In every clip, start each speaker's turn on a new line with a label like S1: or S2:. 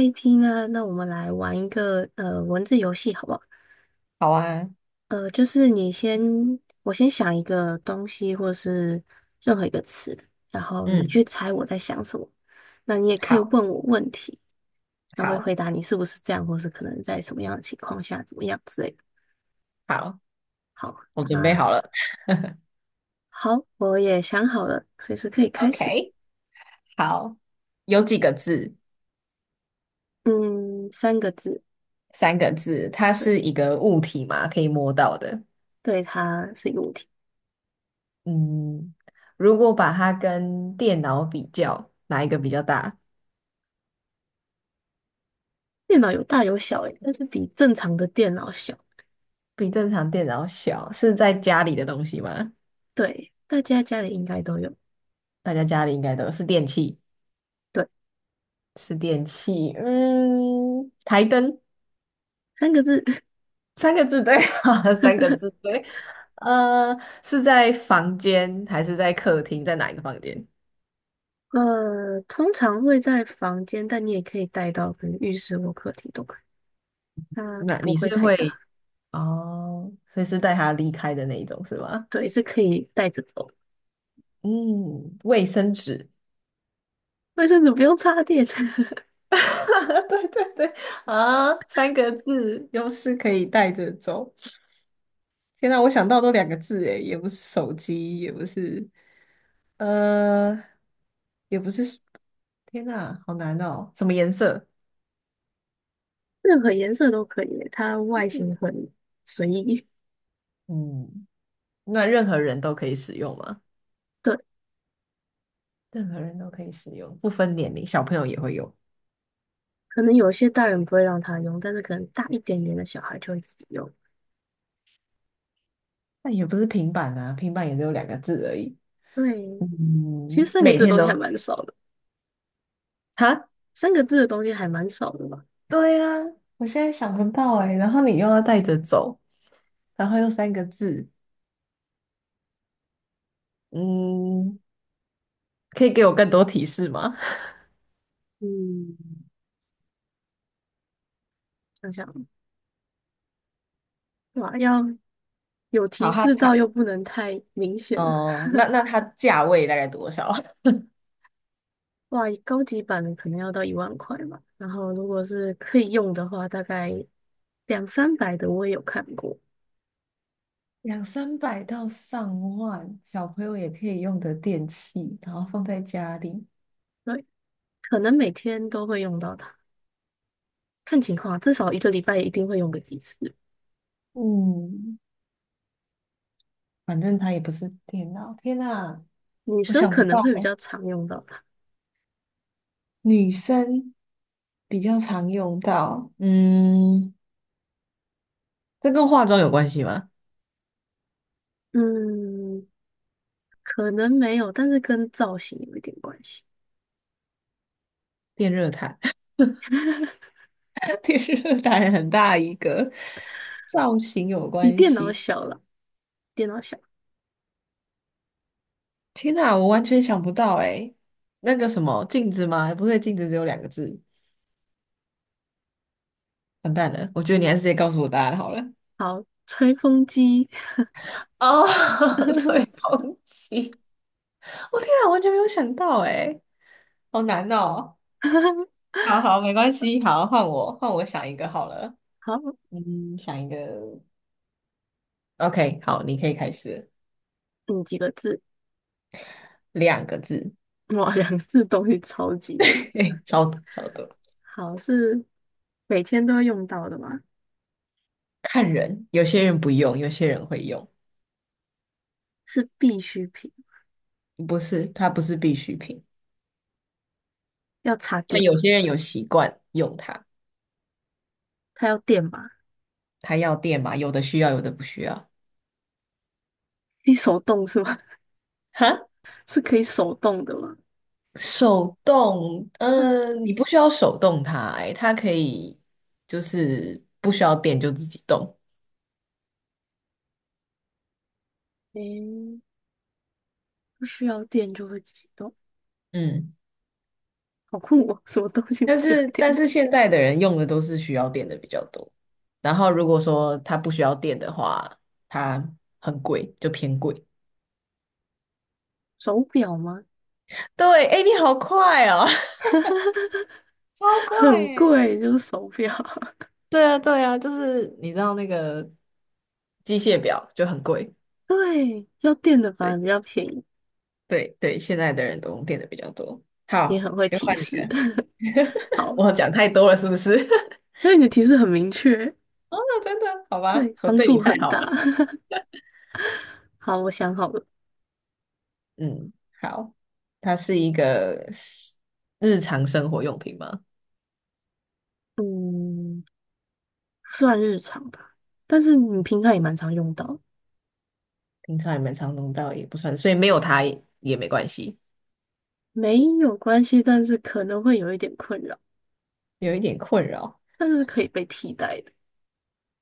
S1: 一 t 呢？那我们来玩一个文字游戏，好不好？
S2: 好啊。
S1: 就是你先，我先想一个东西，或是任何一个词，然后你去
S2: 嗯，
S1: 猜我在想什么。那你也可以
S2: 好，
S1: 问我问题，然后会
S2: 好，
S1: 回答你是不是这样，或是可能在什么样的情况下怎么样之类的。
S2: 好，
S1: 好，
S2: 我准备好
S1: 那
S2: 了。
S1: 好，我也想好了，随时可以开始。
S2: ，OK，好，有几个字？
S1: 嗯，三个字，
S2: 三个字。它
S1: 对，
S2: 是一个物体嘛，可以摸到的。
S1: 对，它是一个物体。
S2: 嗯，如果把它跟电脑比较，哪一个比较大？
S1: 电脑有大有小，诶，但是比正常的电脑小。
S2: 比正常电脑小，是在家里的东西吗？
S1: 对，大家家里应该都有。
S2: 大家家里应该都有，是电器，
S1: 对，
S2: 是电器。嗯，台灯。
S1: 三个字，
S2: 三个字对啊，三个字 对。呃，是在房间还是在客厅？在哪一个房间？
S1: 通常会在房间，但你也可以带到，可能浴室或客厅都可以。它
S2: 那
S1: 不
S2: 你
S1: 会
S2: 是
S1: 太大，
S2: 会，哦，所以是带他离开的那一种是吗？
S1: 对，是可以带着走的。
S2: 嗯，卫生纸。
S1: 卫生纸不用插电，
S2: 对对对，啊，三个字，又是可以带着走。天哪，我想到都两个字诶，也不是手机，也不是，呃，也不是。天哪，好难哦。什么颜色？
S1: 任何颜色都可以，它外形很随意。
S2: 嗯。那任何人都可以使用吗？
S1: 对，
S2: 任何人都可以使用，不分年龄，小朋友也会用。
S1: 可能有些大人不会让他用，但是可能大一点点的小孩就会自己用。
S2: 那也不是平板啊，平板也只有两个字而已。
S1: 对，其
S2: 嗯，
S1: 实三个
S2: 每
S1: 字的
S2: 天
S1: 东西还
S2: 都，
S1: 蛮少的，
S2: 哈？
S1: 三个字的东西还蛮少的吧？
S2: 对啊，我现在想不到哎、然后你又要带着走，然后又三个字，嗯，可以给我更多提示吗？
S1: 嗯，想想。哇，要有提
S2: 好，它
S1: 示到
S2: 它
S1: 又不能太明显了。
S2: 哦、那它价位大概多少？
S1: 哇，高级版的可能要到1万块吧。然后如果是可以用的话，大概两三百的我也有看过。
S2: 两三百到上万，小朋友也可以用的电器，然后放在家里。
S1: 对，可能每天都会用到它，看情况啊至少一个礼拜一定会用个几次。
S2: 嗯，反正它也不是电脑。天呐，
S1: 女
S2: 我
S1: 生
S2: 想
S1: 可
S2: 不
S1: 能
S2: 到
S1: 会比
S2: 哎，
S1: 较常用到它，
S2: 女生比较常用到，嗯，这跟化妆有关系吗？
S1: 嗯，可能没有，但是跟造型有一点关系，
S2: 电热毯，电热毯很大一个，造型有
S1: 比
S2: 关
S1: 电脑
S2: 系。
S1: 小了，电脑小。
S2: 天呐，我完全想不到哎，那个什么镜子吗？不对，镜子只有两个字，完蛋了，我觉得你还是直接告诉我答案好了。
S1: 好，吹风机，
S2: 哦，吹风机，我天啊，完全没有想到哎，好难哦。好好，没关系，好，换我，换我想一个好了。
S1: 好，
S2: 嗯，想一个。OK，好，你可以开始，
S1: 嗯，几个字。
S2: 两个字，
S1: 哇，两字东西超级多。
S2: 嘿超多超多。
S1: 好，是每天都会用到的吗？
S2: 看人，有些人不用，有些人会用，
S1: 是必需品，
S2: 不是，它不是必需品，
S1: 要插
S2: 但
S1: 电
S2: 有
S1: 吗？
S2: 些人有习惯用它，
S1: 它要电吗？
S2: 它要电嘛，有的需要，有的不需要。
S1: 可以手动是吗？
S2: 哈，
S1: 是可以手动的吗？
S2: 手动，
S1: 它
S2: 嗯，你不需要手动它、欸，它可以就是不需要电就自己动，
S1: 诶，不需要电就会自己动，
S2: 嗯。
S1: 好酷哦！什么东西不
S2: 但
S1: 需要
S2: 是
S1: 电？
S2: 但是现在的人用的都是需要电的比较多，然后如果说它不需要电的话，它很贵，就偏贵。
S1: 手表吗？
S2: 对，哎，你好快哦！超快
S1: 很
S2: 诶。
S1: 贵，就是手表。
S2: 对啊，对啊，就是你知道那个机械表就很贵。
S1: 对，要电的反
S2: 对
S1: 而比较便宜。
S2: 对对，现在的人都用电的比较多。
S1: 你
S2: 好，
S1: 很会
S2: 就
S1: 提
S2: 换你
S1: 示，
S2: 了。
S1: 好，
S2: 我讲太多了，是不是？
S1: 因为你的提示很明确，
S2: 哦，真的，好吧，
S1: 对，
S2: 我
S1: 帮
S2: 对
S1: 助
S2: 你太
S1: 很
S2: 好
S1: 大。
S2: 了。
S1: 好，我想好了，
S2: 嗯，好，它是一个日常生活用品吗？
S1: 嗯，算日常吧，但是你平常也蛮常用到，
S2: 平常也蛮常用到，也不算，所以没有它也没关系，
S1: 没有关系，但是可能会有一点困扰，
S2: 有一点困扰，
S1: 但是可以被替代的，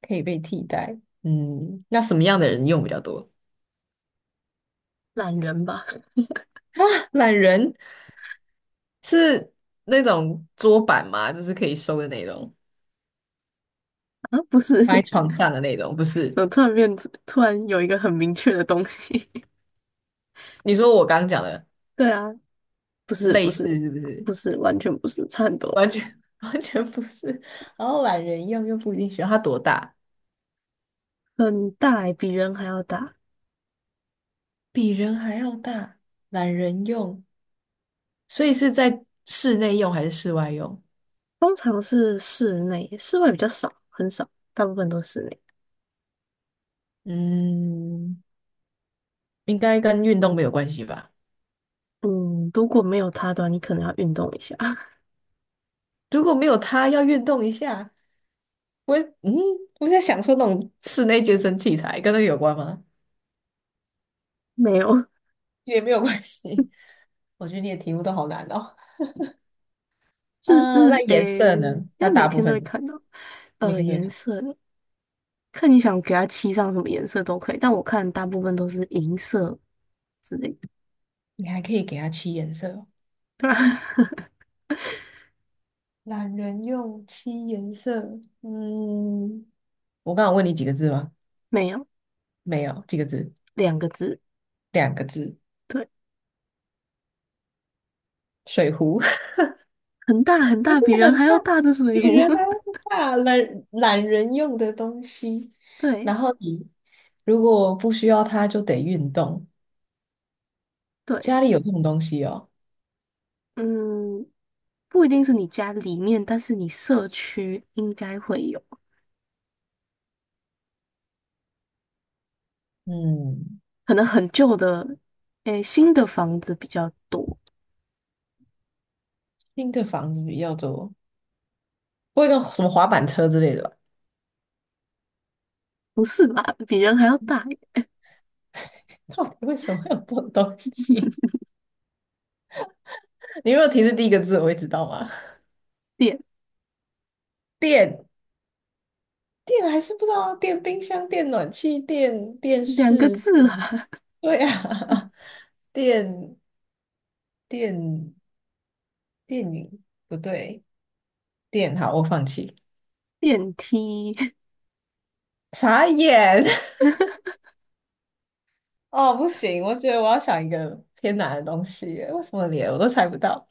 S2: 可以被替代。嗯，那什么样的人用比较多？
S1: 懒人吧？
S2: 懒人，是那种桌板吗？就是可以收的那种，
S1: 啊，不是，
S2: 放在 床上的那种，不是？
S1: 怎么突然变，突然有一个很明确的东西？
S2: 你说我刚刚讲的
S1: 对啊，不是，不
S2: 类
S1: 是，
S2: 似是不是？
S1: 不是，完全不是，差很多，
S2: 完全 完全不是。然后懒人用又不一定需要，它多大？
S1: 很大欸，比人还要大，
S2: 比人还要大，懒人用，所以是在室内用还是室外用？
S1: 通常是室内，室外比较少，很少，大部分都是室内。
S2: 嗯，应该跟运动没有关系吧？
S1: 嗯，如果没有它的话，你可能要运动一下。
S2: 如果没有他要运动一下。我嗯，我在想说那种室内健身器材跟那个有关吗？
S1: 没有，
S2: 也没有关系。我觉得你的题目都好难哦。
S1: 是
S2: 嗯，那
S1: 日
S2: 颜
S1: 诶，
S2: 色
S1: 应
S2: 呢？
S1: 该
S2: 那
S1: 每
S2: 大部
S1: 天都会
S2: 分
S1: 看到。
S2: 每天都会
S1: 颜
S2: 看，
S1: 色的，看你想给它漆上什么颜色都可以，但我看大部分都是银色之类的，
S2: 你还可以给它七颜色哦。懒人用七颜色，嗯，我刚刚问你几个字吗？
S1: 没有
S2: 没有，几个字？
S1: 两个字。
S2: 两个字。
S1: 对，
S2: 水壶。
S1: 很大很
S2: 不
S1: 大，
S2: 对，
S1: 比人
S2: 很
S1: 还
S2: 大，
S1: 要大的水
S2: 比
S1: 壶。
S2: 人 还要大，懒人用的东西。
S1: 对
S2: 然后你如果不需要它，就得运动。
S1: 对，
S2: 家里有这种东西哦，
S1: 嗯，不一定是你家里面，但是你社区应该会有，
S2: 嗯，
S1: 可能很旧的，诶，新的房子比较多。
S2: 新的房子比较多，不会跟什么滑板车之类的吧？
S1: 不是吧？比人还要大一
S2: 到底为什么会有这种东西？你如果提示第一个字，我会知道吗？
S1: 点，
S2: 电，电还是不知道啊，电冰箱、电暖气、电电
S1: 两个
S2: 视，
S1: 字啦，
S2: 对啊，电，电，电影不对。电，好，我放弃。
S1: 电梯。
S2: 傻眼！哦，不行，我觉得我要想一个偏难的东西耶，为什么连我都猜不到？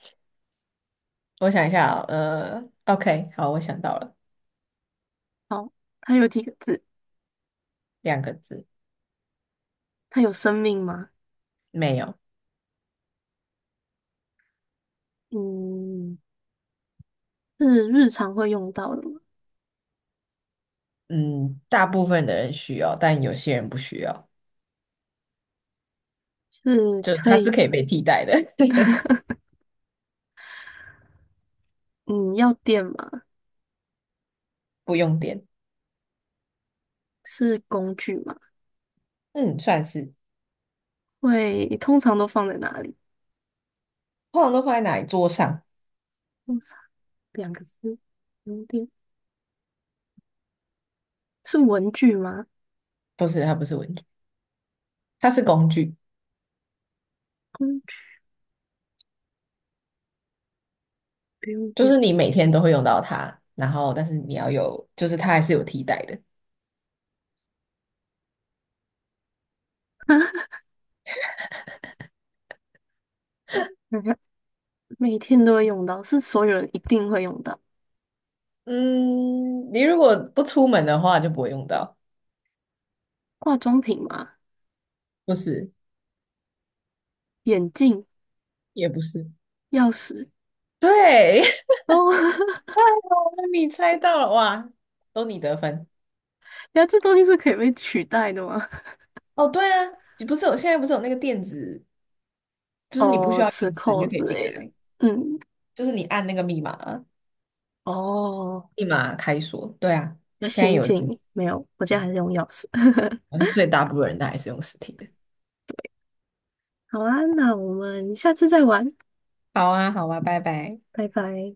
S2: 我想一下哦，OK，好，我想到了，
S1: 好，它有几个字？
S2: 两个字，
S1: 它有生命吗？
S2: 没有。
S1: 嗯，是日常会用到的吗？
S2: 嗯，大部分的人需要，但有些人不需要，
S1: 是
S2: 就
S1: 可
S2: 它是
S1: 以，
S2: 可以被替代的，
S1: 嗯，要电吗？
S2: 不用电。
S1: 是工具吗？
S2: 嗯，算是，
S1: 会，通常都放在哪里？
S2: 通常都放在哪里？桌上？
S1: 通常两个字，不用电。是文具吗？
S2: 不是，它不是文具，它是工具，
S1: 工具不用
S2: 就
S1: 电，
S2: 是你每天都会用到它，然后但是你要有，就是它还是有替代的。
S1: 想想每天都会用到，是所有人一定会用到。
S2: 嗯，你如果不出门的话就不会用到，
S1: 化妆品吗？
S2: 不是，
S1: 眼镜、
S2: 也不是，
S1: 钥匙。
S2: 对，
S1: 哦，
S2: 太 好了，你猜到了哇，都你得分。
S1: 那这东西是可以被取代的吗？
S2: 哦，对啊，你不是有，现在不是有那个电子，就是你不需
S1: 哦，
S2: 要钥
S1: 磁
S2: 匙，你
S1: 扣
S2: 就可
S1: 之
S2: 以进
S1: 类的。
S2: 来，
S1: 嗯，
S2: 就是你按那个密码，
S1: 哦，
S2: 密码开锁。对啊，
S1: 比较
S2: 现在
S1: 先
S2: 有，
S1: 进，没有，我家还是用钥匙。
S2: 我是，最大部分人都还是用实体的。
S1: 好啊，那我们下次再玩，
S2: 好啊，好啊，拜拜。
S1: 拜拜。